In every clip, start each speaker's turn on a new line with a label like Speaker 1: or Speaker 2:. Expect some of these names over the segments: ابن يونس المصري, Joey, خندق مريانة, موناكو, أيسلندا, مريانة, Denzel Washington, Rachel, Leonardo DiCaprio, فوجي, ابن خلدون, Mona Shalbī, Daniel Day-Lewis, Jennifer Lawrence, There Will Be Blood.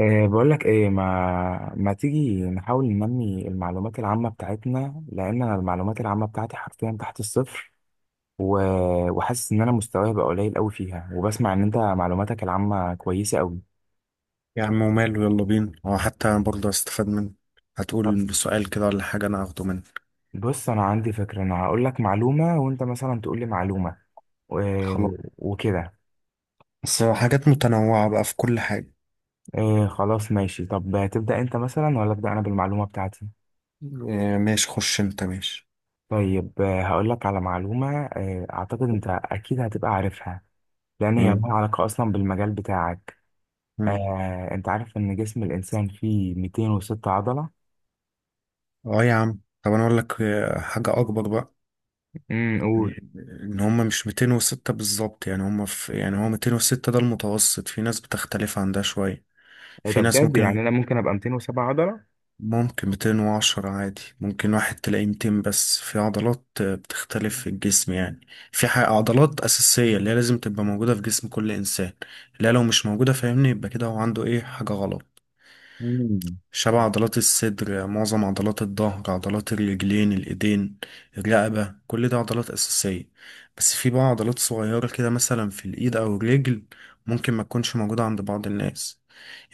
Speaker 1: بقول لك ايه، ما تيجي نحاول ننمي المعلومات العامة بتاعتنا لان انا المعلومات العامة بتاعتي حرفيا تحت الصفر. و... وحاسس ان انا مستواي بقى قليل قوي فيها، وبسمع ان انت معلوماتك العامة كويسة قوي.
Speaker 2: يا عم وماله، يلا بينا. هو حتى أنا برضه استفاد منه.
Speaker 1: طب،
Speaker 2: هتقول سؤال كده ولا حاجة، أنا هاخده منك.
Speaker 1: بص انا عندي فكرة، انا هقول لك معلومة وانت مثلا تقول لي معلومة و...
Speaker 2: خلاص،
Speaker 1: وكده.
Speaker 2: بس حاجات متنوعة بقى في كل حاجة.
Speaker 1: أه، خلاص ماشي. طب تبدأ انت مثلا ولا ابدأ انا بالمعلومة بتاعتي؟
Speaker 2: آه، ماشي، خش أنت ماشي.
Speaker 1: طيب، هقول لك على معلومة، اعتقد انت اكيد هتبقى عارفها، لأن هي
Speaker 2: مم.
Speaker 1: لها علاقة أصلا بالمجال بتاعك.
Speaker 2: مم.
Speaker 1: أنت عارف إن جسم الإنسان فيه 206 عضلة؟
Speaker 2: أه يا عم، طب أنا أقول لك حاجة أكبر بقى.
Speaker 1: قول.
Speaker 2: يعني إن هما مش 206 بالظبط، يعني هما في، يعني هو 206 ده المتوسط، في ناس بتختلف عن ده شوية.
Speaker 1: إيه ده
Speaker 2: في ناس
Speaker 1: بجد؟ يعني
Speaker 2: ممكن
Speaker 1: أنا ممكن أبقى 207 عضلة؟
Speaker 2: ممكن 210 عادي، ممكن واحد تلاقيه 200، بس في عضلات بتختلف في الجسم يعني. في عضلات أساسية اللي هي لازم تبقى موجودة في جسم كل إنسان، اللي هي لو مش موجودة، فاهمني، يبقى كده هو عنده إيه، حاجة غلط.
Speaker 1: امم
Speaker 2: شبه عضلات الصدر، معظم عضلات الظهر، عضلات الرجلين، الإيدين، الرقبة، كل ده عضلات أساسية. بس في بقى عضلات صغيرة كده، مثلا في الإيد أو الرجل، ممكن ما تكونش موجودة عند بعض الناس.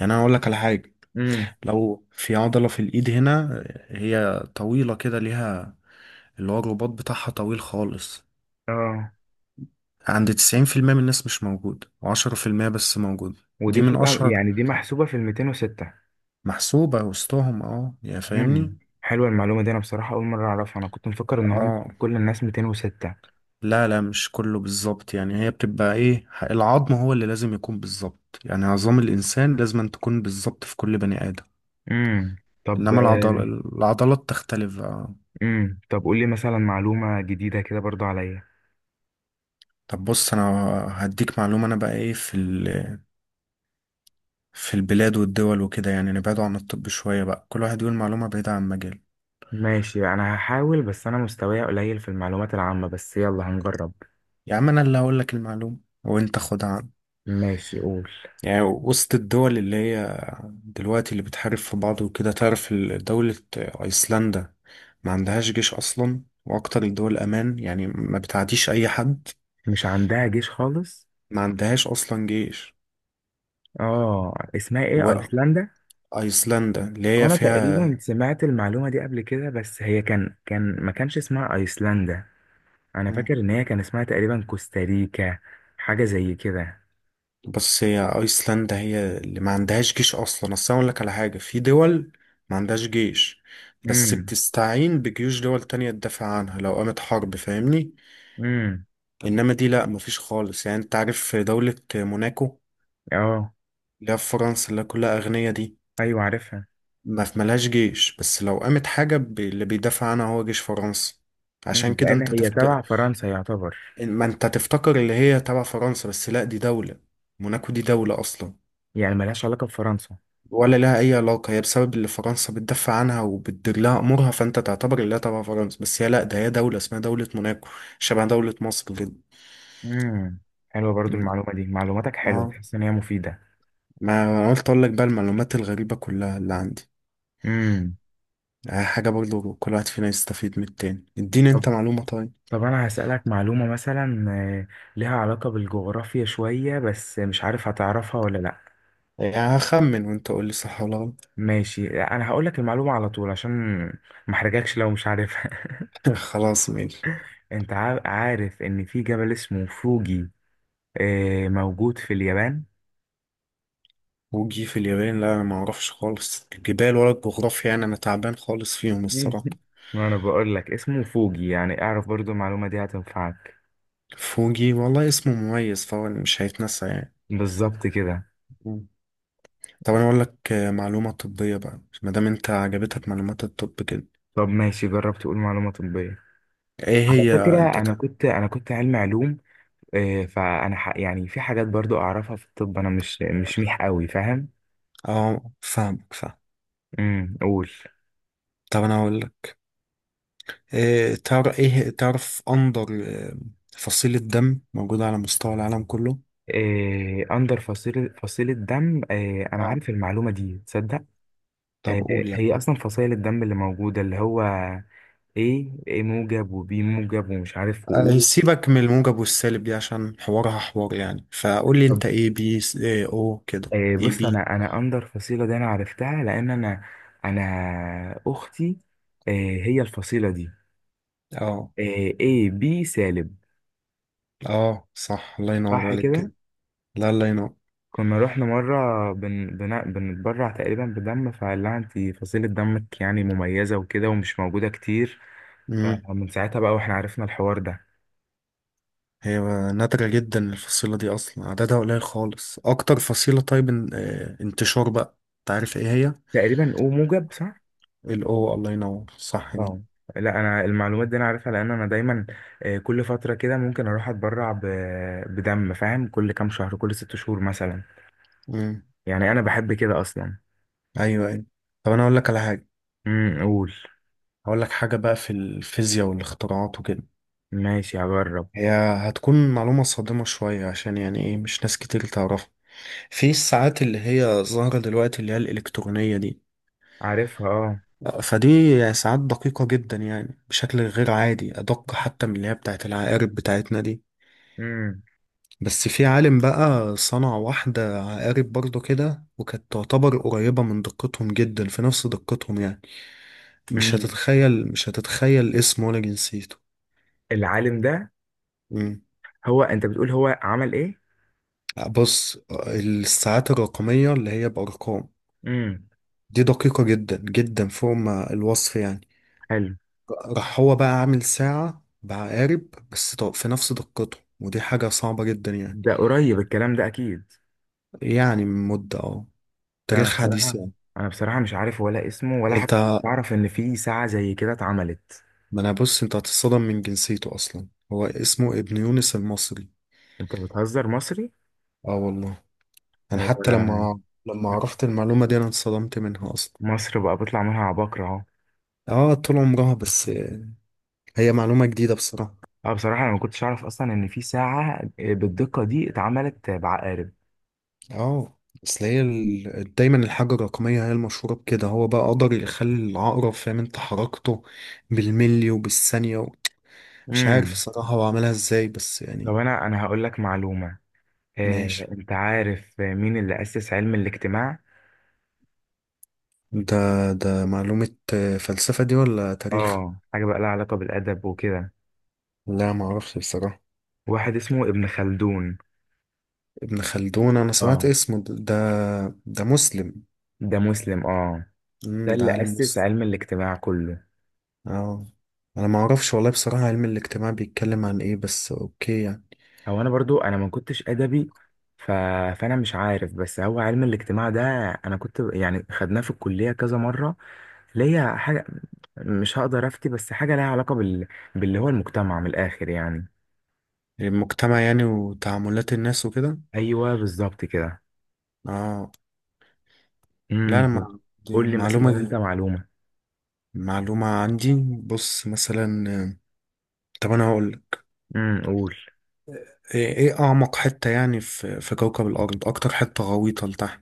Speaker 2: يعني أنا أقول لك على حاجة،
Speaker 1: امم
Speaker 2: لو في عضلة في الإيد هنا، هي طويلة كده، ليها اللي هو الرباط بتاعها طويل خالص.
Speaker 1: اه،
Speaker 2: عند 90% من الناس مش موجود، وعشرة في المية بس موجود. دي
Speaker 1: ودي
Speaker 2: من
Speaker 1: بتبقى
Speaker 2: أشهر،
Speaker 1: يعني دي محسوبة في ال 206؟
Speaker 2: محسوبة وسطهم، اه، يا فاهمني.
Speaker 1: حلوة المعلومة دي. أنا بصراحة أول مرة أعرفها. أنا كنت مفكر إن هم
Speaker 2: اه،
Speaker 1: كل الناس 206.
Speaker 2: لا لا، مش كله بالظبط يعني، هي بتبقى ايه، العظم هو اللي لازم يكون بالظبط يعني. عظام الإنسان لازم أن تكون بالظبط في كل بني آدم.
Speaker 1: طب.
Speaker 2: إنما العضلات تختلف، اه.
Speaker 1: طب، قول لي مثلا معلومة جديدة كده برضو عليا.
Speaker 2: طب بص، أنا هديك معلومة. أنا بقى ايه، في في البلاد والدول وكده، يعني نبعدوا عن الطب شوية بقى، كل واحد يقول معلومة بعيدة عن مجاله.
Speaker 1: ماشي، أنا هحاول، بس أنا مستواي قليل في المعلومات العامة، بس يلا هنجرب.
Speaker 2: يا عم، أنا اللي هقول لك المعلومة وأنت خدها عني.
Speaker 1: ماشي، قول.
Speaker 2: يعني وسط الدول اللي هي دلوقتي اللي بتحارب في بعض وكده، تعرف دولة أيسلندا، ما عندهاش جيش أصلا، وأكتر الدول أمان يعني، ما بتعديش أي حد.
Speaker 1: مش عندها جيش خالص؟
Speaker 2: ما عندهاش أصلا جيش.
Speaker 1: اه، اسمها ايه، ايسلندا؟
Speaker 2: وأيسلندا اللي هي
Speaker 1: انا
Speaker 2: فيها،
Speaker 1: تقريبا سمعت المعلومة دي قبل كده، بس هي كان كان ما كانش اسمها ايسلندا. انا فاكر ان هي كان اسمها تقريبا كوستاريكا. حاجة زي كده.
Speaker 2: بس هي ايسلندا هي اللي ما عندهاش جيش اصلا. اصل انا اقول لك على حاجه، في دول ما عندهاش جيش، بس
Speaker 1: امم
Speaker 2: بتستعين بجيوش دول تانية تدافع عنها لو قامت حرب، فاهمني.
Speaker 1: امم
Speaker 2: انما دي لا، مفيش خالص. يعني انت عارف في دولة موناكو،
Speaker 1: اه.
Speaker 2: اللي هي في فرنسا اللي كلها اغنية دي.
Speaker 1: ايوه، عارفها.
Speaker 2: ما في، ملهاش جيش، بس لو قامت حاجة، اللي بيدافع عنها هو جيش فرنسا. عشان كده
Speaker 1: لان
Speaker 2: انت
Speaker 1: هي تبع فرنسا يعتبر.
Speaker 2: ما انت تفتكر اللي هي تبع فرنسا، بس لا، دي دولة موناكو، دي دولة اصلا.
Speaker 1: يعني ملهاش علاقة بفرنسا؟
Speaker 2: ولا لها أي علاقة. هي بسبب اللي فرنسا بتدافع عنها وبتدير لها أمورها، فأنت تعتبر اللي هي تبع فرنسا، بس هي لأ، ده هي دولة اسمها دولة موناكو. شبه دولة مصر كده.
Speaker 1: امم حلوة برضو المعلومة دي. معلوماتك حلوة،
Speaker 2: اه،
Speaker 1: تحس ان هي مفيدة.
Speaker 2: ما قلت أقول لك بقى المعلومات الغريبة كلها اللي عندي.
Speaker 1: امم
Speaker 2: حاجة برضو كل واحد فينا يستفيد من التاني، اديني انت معلومة طيب.
Speaker 1: طب، أنا هسألك معلومة مثلا، لها علاقة بالجغرافيا شوية، بس مش عارف هتعرفها ولا لأ.
Speaker 2: يعني هخمن وانت قول لي صح ولا غلط.
Speaker 1: ماشي، أنا هقولك المعلومة على طول عشان محرجكش لو مش عارفها
Speaker 2: خلاص ماشي.
Speaker 1: أنت عارف إن في جبل اسمه فوجي، موجود في اليابان.
Speaker 2: وجي في اليابان. لا، انا ما اعرفش خالص الجبال ولا الجغرافيا يعني، انا تعبان خالص فيهم
Speaker 1: مم.
Speaker 2: الصراحة.
Speaker 1: ما أنا بقولك اسمه فوجي، يعني أعرف برضو المعلومة دي هتنفعك.
Speaker 2: فوجي، والله اسمه مميز، فهو مش هيتنسى يعني.
Speaker 1: بالظبط كده.
Speaker 2: طب انا اقول لك معلومه طبيه بقى، ما دام انت عجبتك معلومات الطب كده.
Speaker 1: طب ماشي، جرب تقول معلومة طبية.
Speaker 2: ايه
Speaker 1: على
Speaker 2: هي. انت
Speaker 1: فكرة أنا كنت أنا كنت علمي علوم. إيه، فانا يعني في حاجات برضو اعرفها في الطب. انا مش ميح قوي، فاهم.
Speaker 2: اه، فاهمك، فاهم.
Speaker 1: قول.
Speaker 2: طب انا اقول لك، إيه، تعرف ايه، تعرف اندر فصيله دم موجوده على مستوى العالم كله.
Speaker 1: إيه، اندر فصيله دم؟ إيه، انا
Speaker 2: اه،
Speaker 1: عارف المعلومه دي، تصدق؟
Speaker 2: طب
Speaker 1: إيه
Speaker 2: قول يعني.
Speaker 1: هي اصلا فصائل الدم اللي موجوده؟ اللي هو ايه موجب وبي موجب ومش عارف وايه.
Speaker 2: سيبك من الموجب والسالب دي عشان حوارها حوار يعني. فقول لي
Speaker 1: طب.
Speaker 2: انت ايه بي إيه او كده،
Speaker 1: إيه،
Speaker 2: ايه
Speaker 1: بص.
Speaker 2: بي.
Speaker 1: انا اندر فصيله دي، انا عرفتها لان انا، انا اختي، إيه هي الفصيله دي؟
Speaker 2: اه.
Speaker 1: إيه، ايه بي سالب.
Speaker 2: اه، صح، الله ينور
Speaker 1: صح
Speaker 2: عليك كده.
Speaker 1: كده.
Speaker 2: لا، الله
Speaker 1: كنا رحنا مرة بنتبرع تقريبا بدم، فقال لها انت فصيلة دمك يعني مميزة وكده ومش موجودة كتير.
Speaker 2: ينور.
Speaker 1: فمن ساعتها بقى واحنا عرفنا الحوار ده.
Speaker 2: هي نادرة جدا الفصيلة دي، أصلا عددها قليل خالص. أكتر فصيلة، طيب، انتشار بقى، أنت عارف إيه هي؟
Speaker 1: تقريبا او موجب، صح؟
Speaker 2: الأو، الله ينور، صح كده.
Speaker 1: اه. لا، انا المعلومات دي انا عارفها لان انا دايما، كل فترة كده ممكن اروح اتبرع بدم، فاهم، كل كام شهر، كل ست شهور مثلا.
Speaker 2: مم.
Speaker 1: يعني انا بحب كده اصلا.
Speaker 2: أيوه أيوه. طب أنا أقول لك على حاجة.
Speaker 1: قول.
Speaker 2: هقول لك حاجة بقى في الفيزياء والاختراعات وكده.
Speaker 1: ماشي، هجرب.
Speaker 2: هي هتكون معلومة صادمة شوية، عشان يعني إيه، مش ناس كتير تعرفها. في الساعات اللي هي ظاهرة دلوقتي اللي هي الإلكترونية دي،
Speaker 1: عارفها، اه.
Speaker 2: فدي يعني ساعات دقيقة جدا يعني، بشكل غير عادي، أدق حتى من اللي هي بتاعت العقارب بتاعتنا دي.
Speaker 1: امم
Speaker 2: بس في عالم بقى صنع واحدة عقارب برضو كده، وكانت تعتبر قريبة من دقتهم جدا، في نفس دقتهم يعني. مش
Speaker 1: امم
Speaker 2: هتتخيل، مش هتتخيل اسمه ولا جنسيته.
Speaker 1: العالم ده؟
Speaker 2: مم.
Speaker 1: هو انت بتقول هو عمل ايه؟
Speaker 2: بص، الساعات الرقمية اللي هي بأرقام
Speaker 1: مم.
Speaker 2: دي دقيقة جدا جدا فوق ما الوصف يعني.
Speaker 1: حلو.
Speaker 2: راح هو بقى عامل ساعة بعقارب، بس في نفس دقته، ودي حاجة صعبة جدا يعني.
Speaker 1: ده قريب الكلام ده اكيد.
Speaker 2: يعني من مدة، اه،
Speaker 1: لا، انا
Speaker 2: تاريخ حديث
Speaker 1: بصراحه
Speaker 2: يعني.
Speaker 1: انا بصراحه مش عارف ولا اسمه، ولا
Speaker 2: انت،
Speaker 1: حتى اعرف ان في ساعه زي كده اتعملت.
Speaker 2: ما انا بص، انت هتتصدم من جنسيته اصلا. هو اسمه ابن يونس المصري.
Speaker 1: انت بتهزر؟ مصري؟
Speaker 2: اه والله. انا حتى
Speaker 1: آه،
Speaker 2: لما عرفت المعلومة دي، انا انصدمت منها اصلا.
Speaker 1: مصر بقى بيطلع منها عباقرة اهو.
Speaker 2: اه، طول عمرها بس. هي معلومة جديدة بصراحة.
Speaker 1: اه، بصراحه انا ما كنتش اعرف اصلا ان في ساعه بالدقه دي اتعملت بعقارب.
Speaker 2: اه، اصل هي دايما الحاجة الرقمية هي المشهورة بكده. هو بقى قدر يخلي العقرب فاهم انت حركته بالملي وبالثانية مش عارف
Speaker 1: امم
Speaker 2: الصراحة هو عملها ازاي بس
Speaker 1: طب،
Speaker 2: يعني.
Speaker 1: انا هقول لك معلومه.
Speaker 2: ماشي.
Speaker 1: انت عارف مين اللي اسس علم الاجتماع؟
Speaker 2: ده ده معلومة فلسفة دي ولا تاريخ؟
Speaker 1: اه، حاجه بقى لها علاقه بالادب وكده.
Speaker 2: لا، معرفش بصراحة.
Speaker 1: واحد اسمه ابن خلدون.
Speaker 2: ابن خلدون، انا سمعت
Speaker 1: اه.
Speaker 2: اسمه، ده مسلم؟
Speaker 1: ده مسلم، اه.
Speaker 2: امم،
Speaker 1: ده
Speaker 2: ده
Speaker 1: اللي
Speaker 2: عالم
Speaker 1: أسس
Speaker 2: مسلم.
Speaker 1: علم الاجتماع كله.
Speaker 2: اه، انا ما اعرفش والله بصراحة علم الاجتماع بيتكلم عن ايه، بس اوكي يعني.
Speaker 1: هو أنا برضو أنا ما كنتش أدبي. ف... فأنا مش عارف، بس هو علم الاجتماع ده، أنا كنت يعني خدناه في الكلية كذا مرة، ليا حاجة، مش هقدر أفتي، بس حاجة ليها علاقة باللي هو المجتمع من الآخر يعني.
Speaker 2: المجتمع يعني وتعاملات الناس وكده.
Speaker 1: أيوه، بالظبط كده.
Speaker 2: اه، لا انا
Speaker 1: امم
Speaker 2: دي
Speaker 1: قول لي مثلا أنت
Speaker 2: معلومة،
Speaker 1: معلومة.
Speaker 2: معلومة عندي. بص مثلا طب انا هقول لك.
Speaker 1: قول.
Speaker 2: ايه، اعمق حتة يعني في في كوكب الارض، اكتر حتة غويطة لتحت.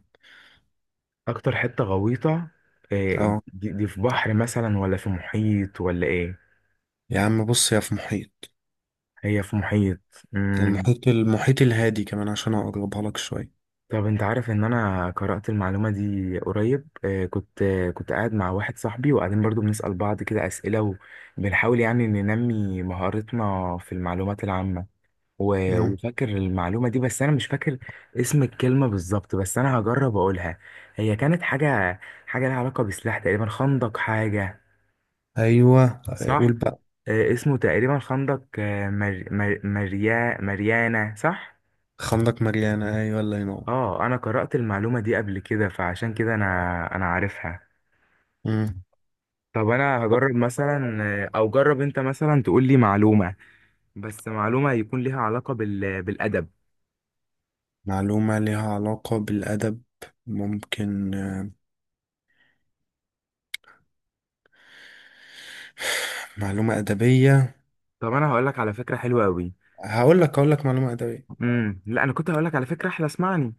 Speaker 1: أكتر حتة غويطة؟ إيه،
Speaker 2: اه
Speaker 1: دي في بحر مثلا ولا في محيط ولا إيه؟
Speaker 2: يا عم، بص، يا في محيط.
Speaker 1: هي في محيط؟ امم
Speaker 2: المحيط، المحيط الهادي، كمان عشان اقربها لك شوية.
Speaker 1: طب، انت عارف ان انا قرأت المعلومة دي قريب، كنت قاعد مع واحد صاحبي وقاعدين برضو بنسأل بعض كده أسئلة، وبنحاول يعني ننمي مهارتنا في المعلومات العامة. و- وفاكر المعلومة دي، بس انا مش فاكر اسم الكلمة بالظبط، بس انا هجرب اقولها. هي كانت حاجة لها علاقة بسلاح تقريبا، خندق حاجة،
Speaker 2: ايوه،
Speaker 1: صح؟
Speaker 2: قول بقى.
Speaker 1: اسمه تقريبا خندق، مريانة، صح؟
Speaker 2: خندق مريانة، ايوه الله ينور.
Speaker 1: اه، انا قرأت المعلومة دي قبل كده، فعشان كده انا عارفها.
Speaker 2: مم.
Speaker 1: طب انا هجرب مثلا، او جرب انت مثلا تقول لي معلومة، بس معلومة يكون ليها علاقة بالادب.
Speaker 2: معلومة ليها علاقة بالأدب، ممكن معلومة أدبية.
Speaker 1: طب انا هقول لك على فكرة حلوة قوي.
Speaker 2: هقول لك معلومة أدبية.
Speaker 1: لا، انا كنت هقول لك على فكرة احلى، اسمعني.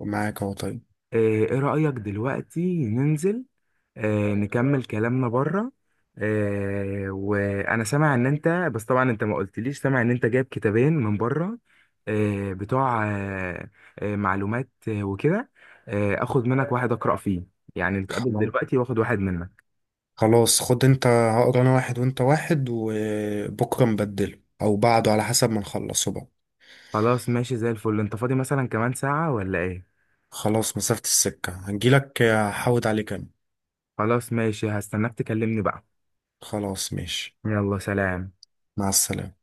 Speaker 2: معاك أهو طيب.
Speaker 1: إيه رأيك دلوقتي ننزل، نكمل كلامنا بره، وانا سامع ان انت، بس طبعا انت ما قلتليش، سامع ان انت جايب كتابين من بره، بتوع معلومات وكده، اخد منك واحد اقرا فيه، يعني نتقابل
Speaker 2: خلاص،
Speaker 1: دلوقتي واخد واحد منك.
Speaker 2: خلاص خد أنت، هقرا أنا واحد وأنت واحد، وبكرة نبدله أو بعده على حسب ما نخلصه بقى.
Speaker 1: خلاص ماشي زي الفل. انت فاضي مثلا كمان ساعة ولا ايه؟
Speaker 2: خلاص، مسافة السكة هنجيلك، هحود عليك أنا.
Speaker 1: خلاص ماشي، هستناك تكلمني بقى.
Speaker 2: خلاص ماشي.
Speaker 1: يلا سلام.
Speaker 2: مع السلامة.